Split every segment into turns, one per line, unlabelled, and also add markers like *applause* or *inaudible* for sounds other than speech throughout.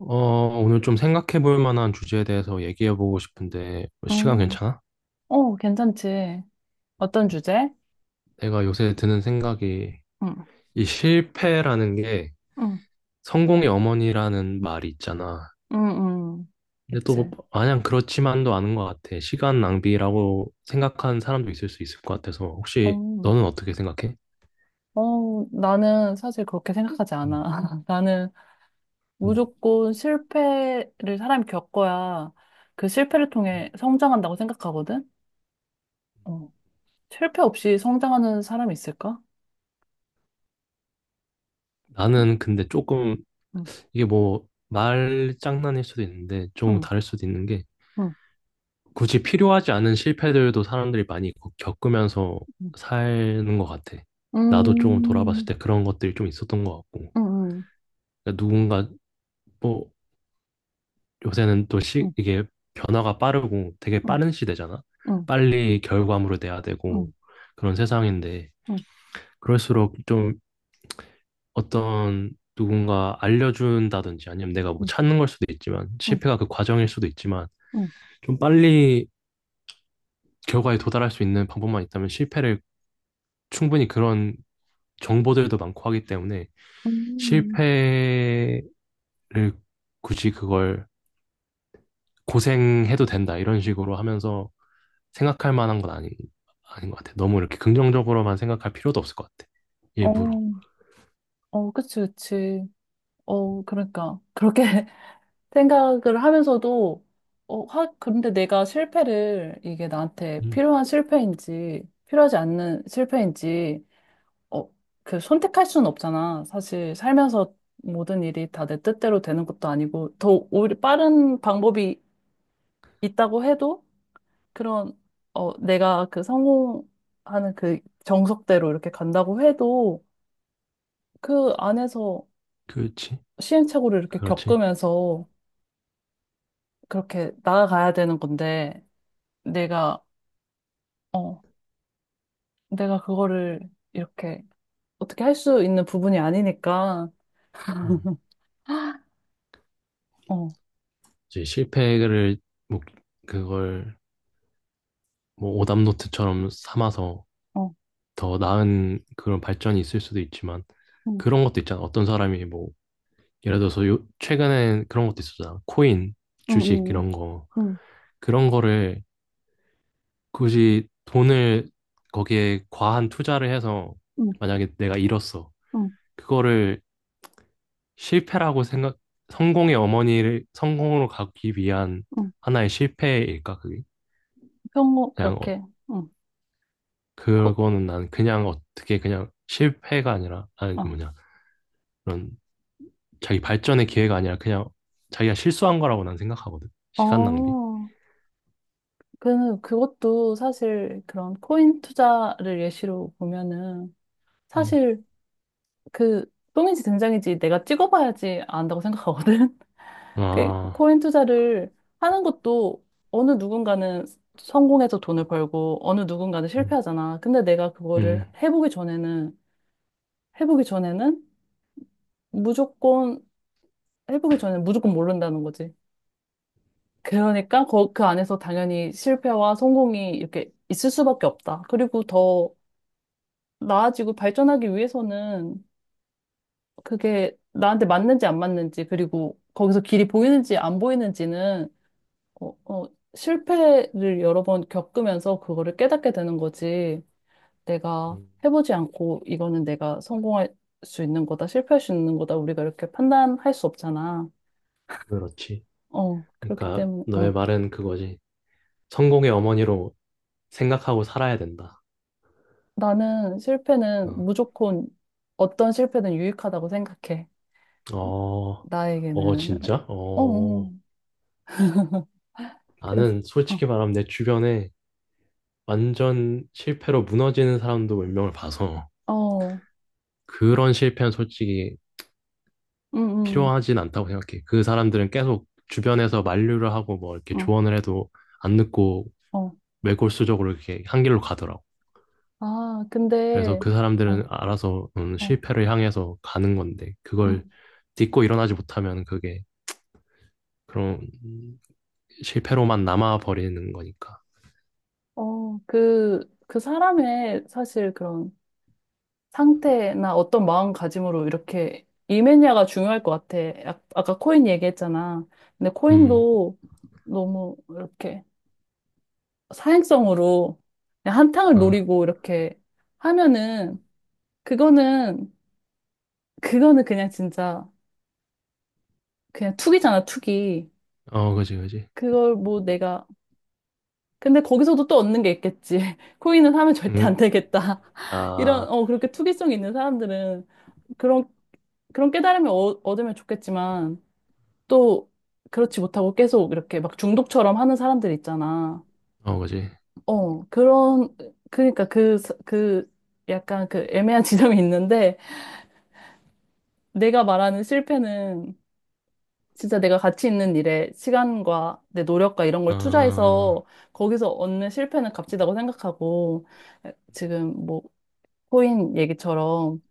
어, 오늘 좀 생각해 볼 만한 주제에 대해서 얘기해 보고 싶은데, 뭐 시간
음.
괜찮아?
어, 괜찮지. 어떤 주제?
내가 요새 드는 생각이,
응,
이 실패라는 게
응,
성공의 어머니라는 말이 있잖아.
응, 응.
근데 또
그치.
마냥 그렇지만도 않은 것 같아. 시간 낭비라고 생각하는 사람도 있을 수 있을 것 같아서, 혹시
어,
너는 어떻게 생각해?
어, 나는 사실 그렇게 생각하지
음,
않아. *laughs* 나는
음.
무조건 실패를 사람이 겪어야 그 실패를 통해 성장한다고 생각하거든? 어. 실패 없이 성장하는 사람이 있을까? 응,
나는 근데 조금,
응,
이게 뭐, 말 장난일 수도 있는데, 조금
응,
다를 수도 있는 게,
응,
굳이 필요하지 않은 실패들도 사람들이 많이 겪으면서
응.
사는 것 같아. 나도 조금 돌아봤을
음,
때 그런 것들이 좀 있었던 것 같고.
응, 응,
그러니까 누군가, 뭐, 요새는 또
응,
이게 변화가 빠르고 되게
응,
빠른 시대잖아?
응,
빨리 결과물을 내야 되고
응,
그런 세상인데,
응,
그럴수록 좀 어떤 누군가 알려준다든지 아니면 내가 뭐
응, 응,
찾는 걸 수도 있지만,
응. 음.
실패가 그 과정일 수도 있지만,
음,
좀 빨리 결과에 도달할 수 있는 방법만 있다면 실패를 충분히 그런 정보들도 많고 하기 때문에
음, 음, 음.
실패를 굳이 그걸 고생해도 된다 이런 식으로 하면서 생각할 만한 건 아니, 아닌 것 같아. 너무 이렇게 긍정적으로만 생각할 필요도 없을 것 같아. 일부러.
어, 어, 그치, 그치. 어, 그러니까. 그렇게 *laughs* 생각을 하면서도, 어, 근데 내가 실패를, 이게 나한테
음,
필요한 실패인지, 필요하지 않는 실패인지, 어, 그 선택할 수는 없잖아. 사실 살면서 모든 일이 다 내 뜻대로 되는 것도 아니고, 더 오히려 빠른 방법이 있다고 해도, 그런, 어, 내가 그 성공하는 그 정석대로 이렇게 간다고 해도, 그 안에서
그렇지.
시행착오를 이렇게
그렇지.
겪으면서, 그렇게 나아가야 되는 건데, 내가, 어, 내가 그거를 이렇게 어떻게 할 수 있는 부분이 아니니까,
음.
어,
이제 실패를 뭐 그걸 뭐 오답노트처럼 삼아서
어,
더 나은 그런 발전이 있을 수도 있지만
응,
그런 것도 있잖아. 어떤 사람이 뭐 예를 들어서 요, 최근에 그런 것도 있었잖아. 코인,
응,
주식
응,
이런 거
응,
그런 거를 굳이 돈을 거기에 과한 투자를 해서
응, 응,
만약에 내가 잃었어.
응.
그거를 실패라고 생각, 성공의 어머니를 성공으로 가기 위한
응.
하나의 실패일까, 그게?
평소,
그냥, 어,
그렇게, 응, 꼭,
그거는 난 그냥 어떻게 그냥 실패가 아니라, 아니,
어.
뭐냐, 그런 자기 발전의 기회가 아니라 그냥 자기가 실수한 거라고 난 생각하거든. 시간 낭비.
어, 그것도 사실 그런 코인 투자를 예시로 보면은,
음.
사실 그, 똥인지 된장인지 내가 찍어봐야지 안다고 생각하거든. 그
아,
코인 투자를 하는 것도 어느 누군가는 성공해서 돈을 벌고 어느 누군가는
음,
실패하잖아. 근데 내가 그거를
음,
해보기 전에는 해보기 전에는 무조건 해보기 전에는 무조건 모른다는 거지. 그러니까 그 안에서 당연히 실패와 성공이 이렇게 있을 수밖에 없다. 그리고 더 나아지고 발전하기 위해서는 그게 나한테 맞는지 안 맞는지 그리고 거기서 길이 보이는지 안 보이는지는 어, 어, 실패를 여러 번 겪으면서 그거를 깨닫게 되는 거지. 내가
음,
해보지 않고 이거는 내가 성공할 수 있는 거다, 실패할 수 있는 거다, 우리가 이렇게 판단할 수 없잖아.
그렇지.
어, 그렇기
그러니까
때문에, 어.
너의 말은 그거지. 성공의 어머니로 생각하고 살아야 된다.
나는 실패는
어,
무조건 어떤 실패든 유익하다고 생각해.
어, 어,
나에게는.
진짜?
어, 어.
어,
그래서,
나는
어,
솔직히 말하면 내 주변에 완전 실패로 무너지는 사람도 몇 명을 봐서
어,
그런 실패는 솔직히
응,
필요하진 않다고 생각해. 그 사람들은 계속 주변에서 만류를 하고 뭐 이렇게
응,
조언을 해도 안 듣고
어, 어.
매골수적으로 이렇게 한 길로 가더라고.
아,
그래서
근데,
그 사람들은
어,
알아서
어.
실패를 향해서 가는 건데
음.
그걸 딛고 일어나지 못하면 그게 그런 실패로만 남아 버리는 거니까.
어, 그 사람의 사실 그런 상태나 어떤 마음가짐으로 이렇게 임했냐가 중요할 것 같아. 아까 코인 얘기했잖아. 근데
음,
코인도 너무 이렇게 사행성으로 그냥 한탕을
어,
노리고 이렇게 하면은 그거는, 그거는 그냥 진짜 그냥 투기잖아, 투기.
어, 그지, 그지.
그걸 뭐 내가. 근데 거기서도 또 얻는 게 있겠지. *laughs* 코인은 사면 절대 안
음,
되겠다. *laughs* 이런,
아,
어, 그렇게 투기성 있는 사람들은 그런 그런 깨달음을 얻으면 좋겠지만, 또, 그렇지 못하고 계속 이렇게 막 중독처럼 하는 사람들 있잖아.
어, 그지.
어, 그런, 그러니까 그, 그, 약간 그 애매한 *laughs* 지점이 있는데, 내가 말하는 실패는 진짜 내가 가치 있는 일에 시간과 내 노력과 이런 걸
어,
투자해서 거기서 얻는 실패는 값지다고 생각하고, 지금 뭐, 코인 얘기처럼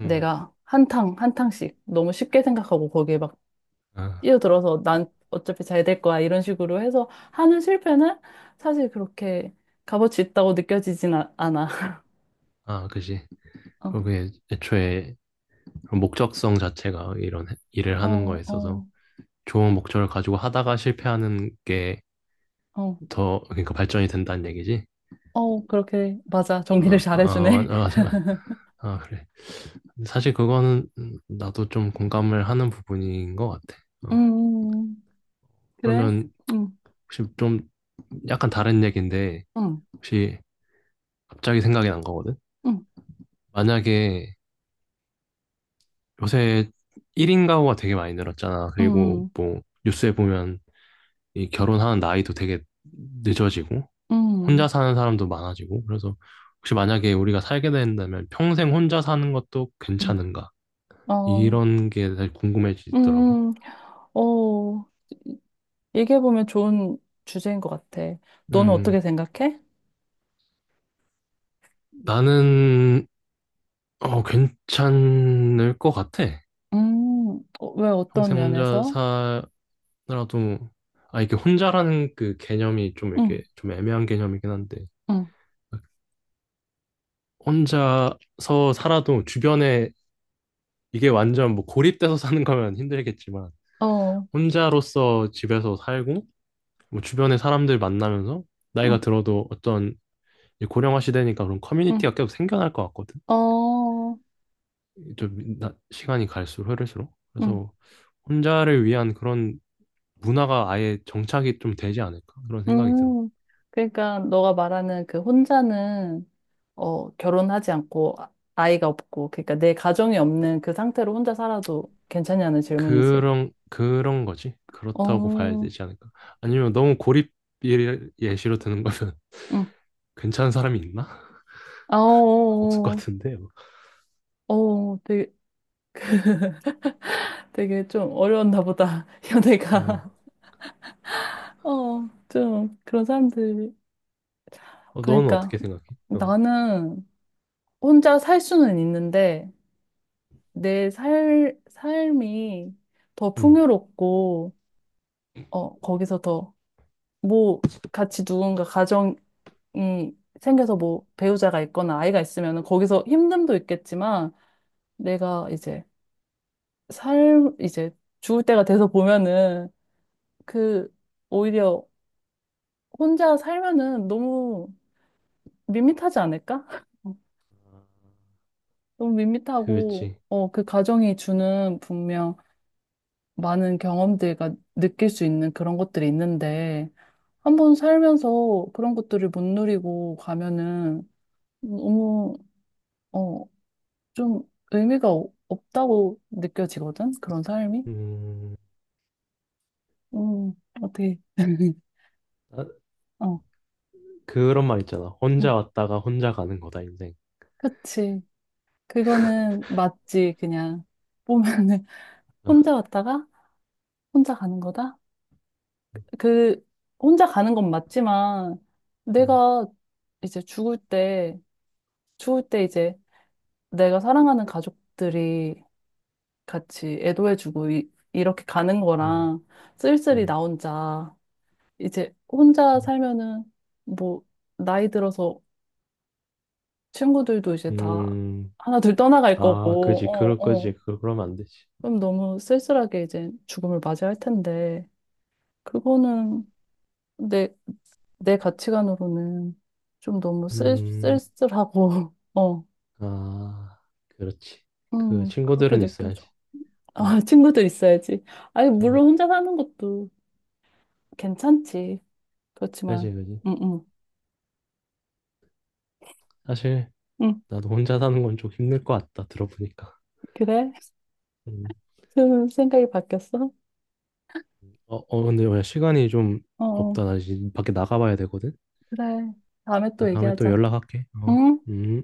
음,
내가 한탕, 한탕씩 너무 쉽게 생각하고 거기에 막
아,
뛰어들어서 난 어차피 잘 될 거야 이런 식으로 해서 하는 실패는 사실 그렇게 값어치 있다고 느껴지진 않아. *laughs*
아, 그지.
어,
그게 애초에 목적성 자체가 이런 일을 하는
어,
거에 있어서
어,
좋은 목적을 가지고 하다가 실패하는 게
어,
더, 그러니까 발전이 된다는 얘기지.
어, 그렇게 맞아 정리를
어, 아, 아,
잘해주네.
맞아. 맞아. 아, 그래. 사실 그거는 나도 좀 공감을 하는 부분인 것 같아.
*laughs*
어,
음, 그래?
그러면
음,
혹시 좀 약간 다른 얘기인데
음,
혹시 갑자기 생각이 난 거거든?
음,
만약에 요새 1인 가구가 되게 많이 늘었잖아. 그리고
음,
뭐 뉴스에 보면 이 결혼하는 나이도 되게 늦어지고 혼자
음,
사는 사람도 많아지고 그래서 혹시 만약에 우리가 살게 된다면 평생 혼자 사는 것도
음,
괜찮은가?
어,
이런 게 사실 궁금해지더라고요.
음, 어, 얘기해보면 좋은 주제인 것 같아. 너는
음,
어떻게 생각해?
나는 어, 괜찮을 것 같아.
왜 어떤
평생 혼자
면에서?
나도 아 이게 혼자라는 그 개념이 좀
응,
이렇게 좀 애매한 개념이긴 한데
응,
혼자서 살아도 주변에 이게 완전 뭐 고립돼서 사는 거면 힘들겠지만
어,
혼자로서 집에서 살고 뭐 주변에 사람들 만나면서
응,
나이가 들어도 어떤 이제 고령화 시대니까 그런
응.
커뮤니티가 계속 생겨날 것 같거든.
어,
좀 시간이 갈수록 흐를수록
음,
그래서 혼자를 위한 그런 문화가 아예 정착이 좀 되지 않을까 그런 생각이 들어.
음. 그러니까 너가 말하는 그 혼자는 결혼하지 않고 아이가 없고 그러니까 내 가정이 없는 그 상태로 혼자 살아도 괜찮냐는 질문이지.
그런 거지. 그렇다고 봐야
어,
되지 않을까? 아니면 너무 고립 예시로 드는 거면
응.
*laughs* 괜찮은 사람이 있나?
아, 어,
*laughs* 없을 것
어,
같은데. 뭐.
어, 어, 되게, 되게 좀 어려웠나 보다. *laughs* 연애가.
어,
어, 좀 그런 사람들이.
어, 너는
그러니까
어떻게 생각해? 어,
나는 혼자 살 수는 있는데 내 삶이 더
음,
풍요롭고 거기서 더, 뭐, 같이 누군가 가정이 생겨서 뭐, 배우자가 있거나 아이가 있으면은 거기서 힘듦도 있겠지만, 내가 이제 죽을 때가 돼서 보면은, 그, 오히려 혼자 살면은 너무 밋밋하지 않을까? *laughs* 너무 밋밋하고,
그렇지.
그 가정이 주는 분명 많은 경험들과 느낄 수 있는 그런 것들이 있는데, 한번 살면서 그런 것들을 못 누리고 가면은 너무, 어, 좀 의미가 없다고 느껴지거든? 그런 삶이?
음,
음, 어떻게, *laughs*
아,
어,
그런 말 있잖아.
음,
혼자 왔다가 혼자 가는 거다 인생.
그치. 그거는 맞지, 그냥. 보면은, *laughs*
아,
혼자 왔다가, 혼자 가는 거다? 그, 혼자 가는 건 맞지만,
음,
내가 이제 죽을 때 이제 내가 사랑하는 가족들이 같이 애도해주고, 이렇게 가는
음,
거랑, 쓸쓸히 나
음,
혼자, 이제 혼자
음,
살면은 뭐 나이 들어서 친구들도 이제 다
음.
하나둘 떠나갈
아,
거고,
그지. 그럴
어, 어.
거지. 그러면 안 되지.
그럼 너무 쓸쓸하게 이제 죽음을 맞이할 텐데, 그거는 내, 내 가치관으로는 좀 너무 쓸,
음,
쓸쓸하고, *laughs* 어,
아, 그렇지. 그
그렇게
친구들은 있어야지.
느껴져.
어,
아, 친구들 있어야지. 아니,
어,
물론 혼자 사는 것도 괜찮지. 그렇지만,
그지, 그지.
응, 응,
사실
응,
나도 혼자 사는 건 좀 힘들 것 같다 들어보니까.
그래? *laughs*
음.
좀 생각이 바뀌었어?
어, 어 근데 야, 시간이 좀
어. 어.
없다. 나 이제 밖에 나가봐야 되거든.
그래. 다음에 또
다음에 또
얘기하자.
연락할게. 어.
응?
음.